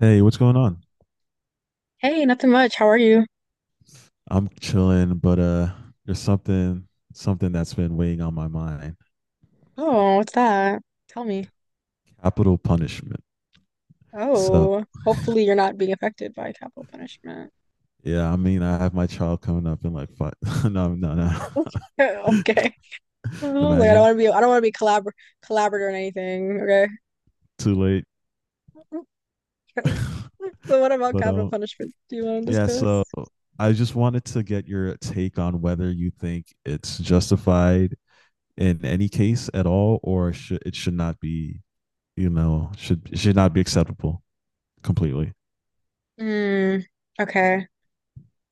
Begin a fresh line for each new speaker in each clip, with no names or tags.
Hey, what's going on?
Hey, nothing much. How are you?
I'm chilling, but there's something that's been weighing on my mind.
Oh, what's that? Tell me.
Capital punishment. So
Oh, hopefully you're not being affected by capital punishment.
yeah, I mean I have my child coming up in like five no.
Okay. I was like,
Imagine.
I don't want to be collaborator in anything. Okay.
Too late.
Okay. So what about
But
capital
um
punishment? Do you want to
yeah, so
discuss?
I just wanted to get your take on whether you think it's justified in any case at all or should not be, should not be acceptable completely.
Hmm. Okay.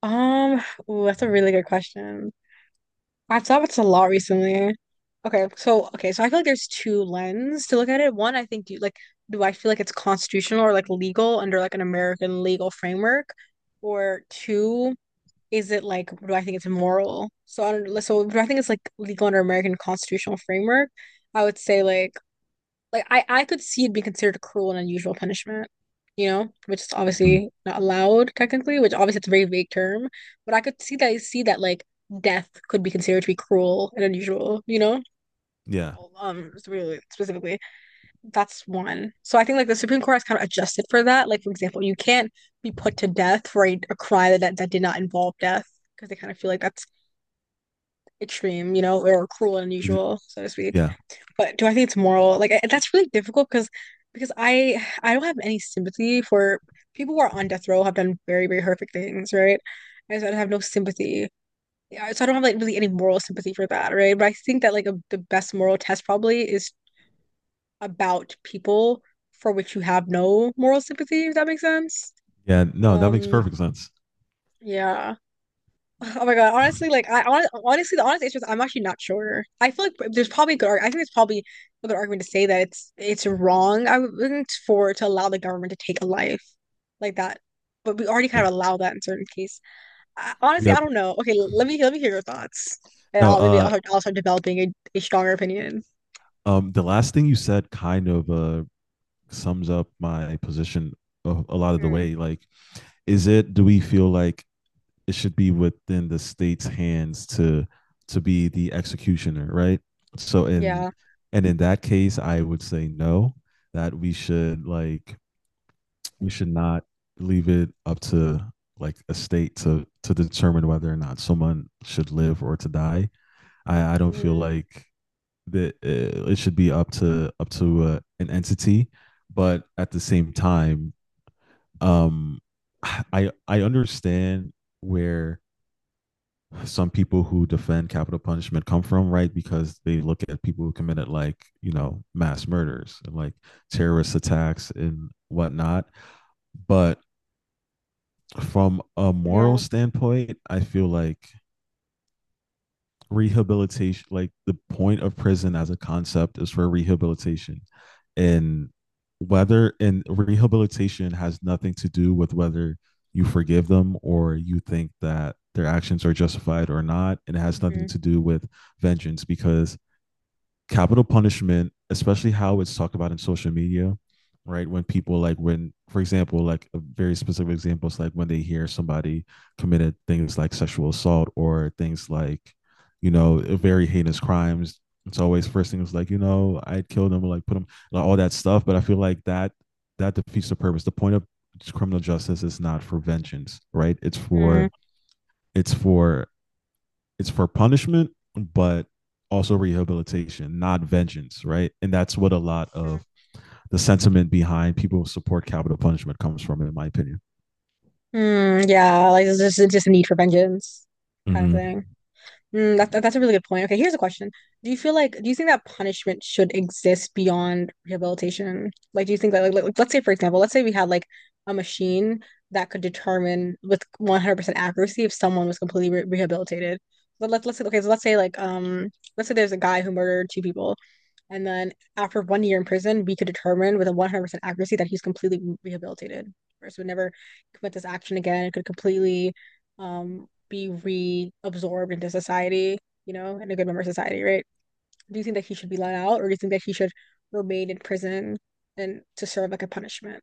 Um. Ooh, that's a really good question. I've thought about this a lot recently. Okay, so I feel like there's two lens to look at it. One, I think do like do I feel like it's constitutional or like legal under like an American legal framework? Or two, is it like do I think it's moral? So I don't so do I think it's like legal under American constitutional framework? I would say like I could see it being considered a cruel and unusual punishment, you know, which is
Mhm.
obviously not allowed technically, which obviously it's a very vague term, but I see that like death could be considered to be cruel and unusual, you know?
Yeah.
Really specifically, that's one. So I think like the Supreme Court has kind of adjusted for that. Like for example, you can't be put to death for a crime that did not involve death because they kind of feel like that's extreme, you know, or cruel and
Ex-
unusual, so to speak.
Yeah.
But do I think it's moral? Like I, that's really difficult because I don't have any sympathy for people who are on death row, have done very very horrific things, right? And so I have no sympathy. Yeah, so I don't have like really any moral sympathy for that, right? But I think that the best moral test probably is about people for which you have no moral sympathy, if that makes sense.
Yeah, no, that makes
Um,
perfect sense.
yeah. Oh my God. Honestly, like I hon honestly the honest answer is I'm actually not sure. I think there's probably a good argument to say that it's wrong, I wouldn't for to allow the government to take a life like that. But we already
Yeah.
kind of allow that in certain cases. I, honestly, I
Yep.
don't know. Okay, let me hear your thoughts. And
No,
I'll start developing a stronger opinion.
The last thing you said kind of sums up my position a lot of the
Mm,
way. Like, is it do we feel like it should be within the state's hands to be the executioner, right? So in
yeah.
in that case, I would say no, that we should not leave it up to like a state to determine whether or not someone should live or to die. I don't feel
Mm,
like that it should be up to an entity, but at the same time, um, I understand where some people who defend capital punishment come from, right? Because they look at people who committed like, you know, mass murders and like terrorist attacks and whatnot. But from a
yeah.
moral standpoint, I feel like rehabilitation like the point of prison as a concept is for rehabilitation and whether and rehabilitation has nothing to do with whether you forgive them or you think that their actions are justified or not, and it has nothing
Mm,
to do with vengeance. Because capital punishment, especially how it's talked about in social media, right? When people like when, for example, like a very specific example is like when they hear somebody committed things like sexual assault or things like, you know, very heinous crimes. It's always first thing is like, you know, I'd kill them or like put them like all that stuff. But I feel like that defeats the purpose. The point of criminal justice is not for vengeance, right? It's
mm,
for it's for it's for punishment, but also rehabilitation, not vengeance, right? And that's what a lot
mm,
of the sentiment behind people who support capital punishment comes from, in my opinion.
mm, yeah. Like there's just a need for vengeance kind of thing.
Mm-hmm.
Mm, that's a really good point. Okay, here's a question. Do you think that punishment should exist beyond rehabilitation? Like, do you think that, let's say, for example, let's say we had like a machine that could determine with 100% accuracy if someone was completely re rehabilitated. But let's say, okay, so let's say let's say there's a guy who murdered two people, and then after 1 year in prison, we could determine with a 100% accuracy that he's completely rehabilitated. First, would never commit this action again. It could completely be reabsorbed into society, you know, and a good member of society, right? Do you think that he should be let out or do you think that he should remain in prison and to serve like a punishment?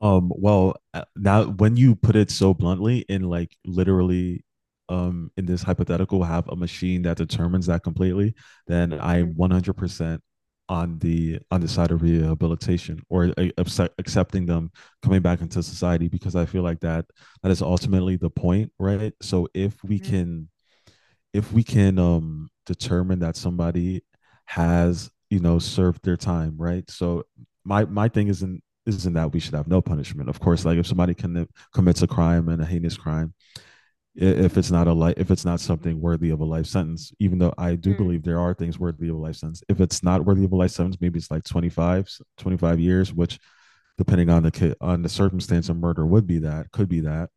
Now when you put it so bluntly, in like literally, in this hypothetical, have a machine that determines that completely, then
Mm-hmm.
I'm 100% on the side of rehabilitation or accepting them coming back into society because I feel like that is ultimately the point, right? So if we can determine that somebody has, you know, served their time, right? So my thing isn't that we should have no punishment. Of course, like if somebody can commits a crime and a heinous crime, if it's not something worthy of a life sentence, even though I do
Mm-hmm.
believe there are things worthy of a life sentence, if it's not worthy of a life sentence, maybe it's like 25 years, which depending on the on the circumstance of murder would be, that could be that.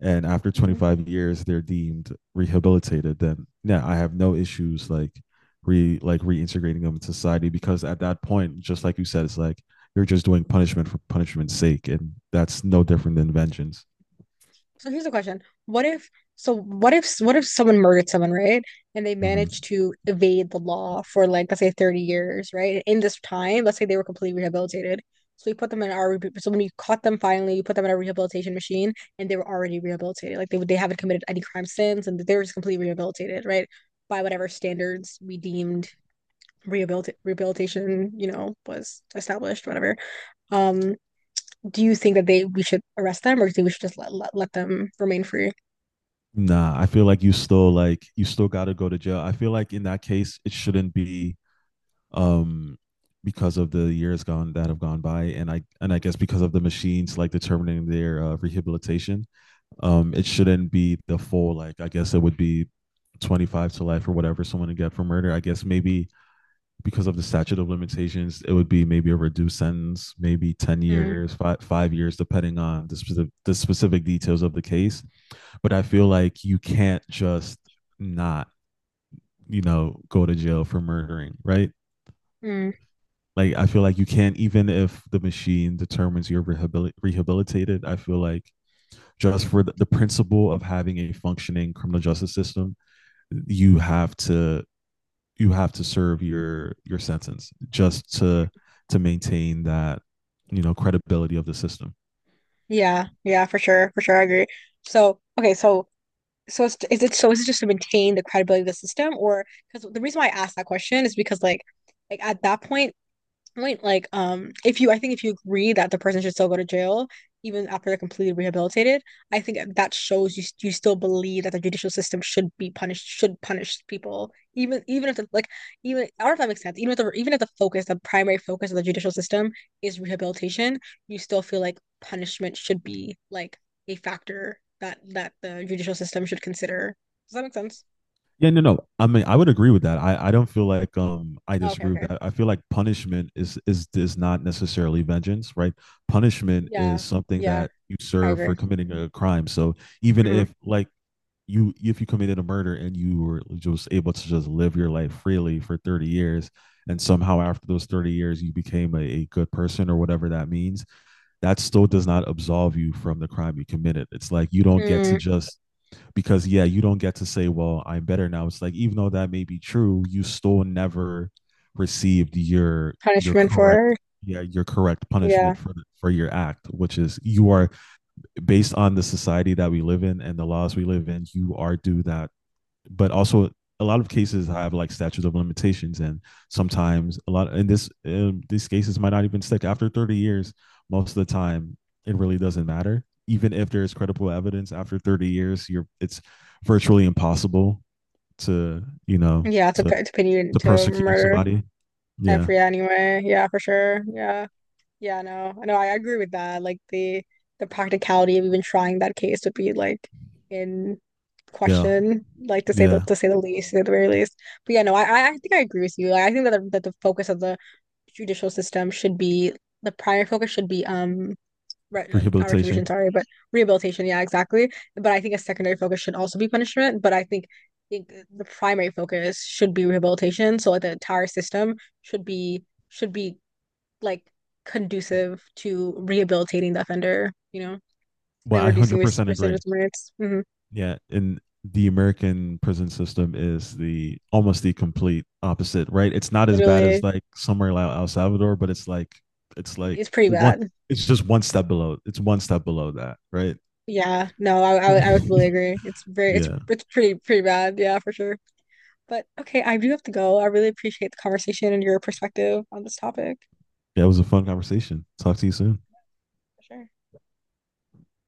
And after
Mm-hmm.
25 years they're deemed rehabilitated, then yeah, I have no issues like re like reintegrating them in society, because at that point, just like you said, it's like you're just doing punishment for punishment's sake, and that's no different than vengeance.
So here's the question. What if so what if someone murdered someone, right? And they
Mm-hmm.
managed to evade the law for like let's say 30 years, right? In this time, let's say they were completely rehabilitated. So when you caught them finally, you put them in a rehabilitation machine and they were already rehabilitated. Like they haven't committed any crime since, and they were just completely rehabilitated, right? By whatever standards we deemed rehabilitation, you know, was established, whatever. Um, do you think that they we should arrest them or do you think we should just let them remain free?
Nah, I feel like you still you still got to go to jail. I feel like in that case it shouldn't be um because of the years gone that have gone by, and I guess because of the machines like determining their rehabilitation, it shouldn't be the full, like I guess it would be 25 to life or whatever someone to get for murder, I guess maybe because of the statute of limitations it would be maybe a reduced sentence, maybe 10
Mm,
years, 5 years, depending on the specific details of the case. But I feel like you can't just not, you know, go to jail for murdering, right?
mm.
Like I feel like you can't, even if the machine determines you're rehabilitated, I feel like just for the principle of having a functioning criminal justice system, you have to serve your sentence, just to maintain that, you know, credibility of the system.
Yeah, yeah, for sure, I agree. So, okay, is it, so is it just to maintain the credibility of the system, or because the reason why I asked that question is because at that point, like if you, I think if you agree that the person should still go to jail even after they're completely rehabilitated, I think that shows you you still believe that the judicial system should be punished, should punish people, even even if the like even I don't know if that makes sense. Even if the focus, the primary focus of the judicial system is rehabilitation, you still feel like punishment should be like a factor that the judicial system should consider. Does that make sense?
Yeah no no, I mean I would agree with that. I don't feel like I
Oh, okay,
disagree with
okay.
that. I feel like punishment is is not necessarily vengeance, right? Punishment
Yeah,
is something
yeah,
that you
I
serve for
agree.
committing a crime. So even
Mm-hmm.
if like you, if you committed a murder and you were just able to just live your life freely for 30 years, and somehow after those 30 years you became a good person or whatever that means, that still does not absolve you from the crime you committed. It's like you don't get
Mm,
to just, because yeah, you don't get to say well I'm better now. It's like even though that may be true, you still never received your
punishment
correct,
for
yeah, your correct
yeah.
punishment for your act, which is you are, based on the society that we live in and the laws we live in, you are due that. But also a lot of cases have like statutes of limitations, and sometimes a lot in this these cases might not even stick after 30 years. Most of the time it really doesn't matter. Even if there's credible evidence after 30 years, you're, it's virtually impossible to, you know,
Yeah, to
to
put to pin you into
persecute
murder
somebody. Yeah.
every anyway. Yeah, for sure. Yeah. Yeah, no. No, I agree with that. Like the practicality of even trying that case would be like in
Yeah.
question, like
Yeah,
to say the least, at the very least. But yeah, no, I think I agree with you. Like, I think that the focus of the judicial system should be, the primary focus should be, re- not
rehabilitation.
retribution, sorry, but rehabilitation. Yeah, exactly. But I think a secondary focus should also be punishment. Think the primary focus should be rehabilitation. So like the entire system should be should be like conducive to rehabilitating the offender, you know,
Well,
and
I
reducing
100% agree.
recidivism rates. Hmm.
Yeah, and the American prison system is the almost the complete opposite, right? It's not as bad as
Literally,
like somewhere like El Salvador, but it's
it's
like
pretty
one
bad.
it's just one step below. It's one step below that, right?
Yeah, no, I, I would completely agree. It's very
Yeah.
it's pretty pretty bad. Yeah, for sure. But okay, I do have to go. I really appreciate the conversation and your perspective on this topic.
Yeah, it was a fun conversation. Talk to you soon.
For sure.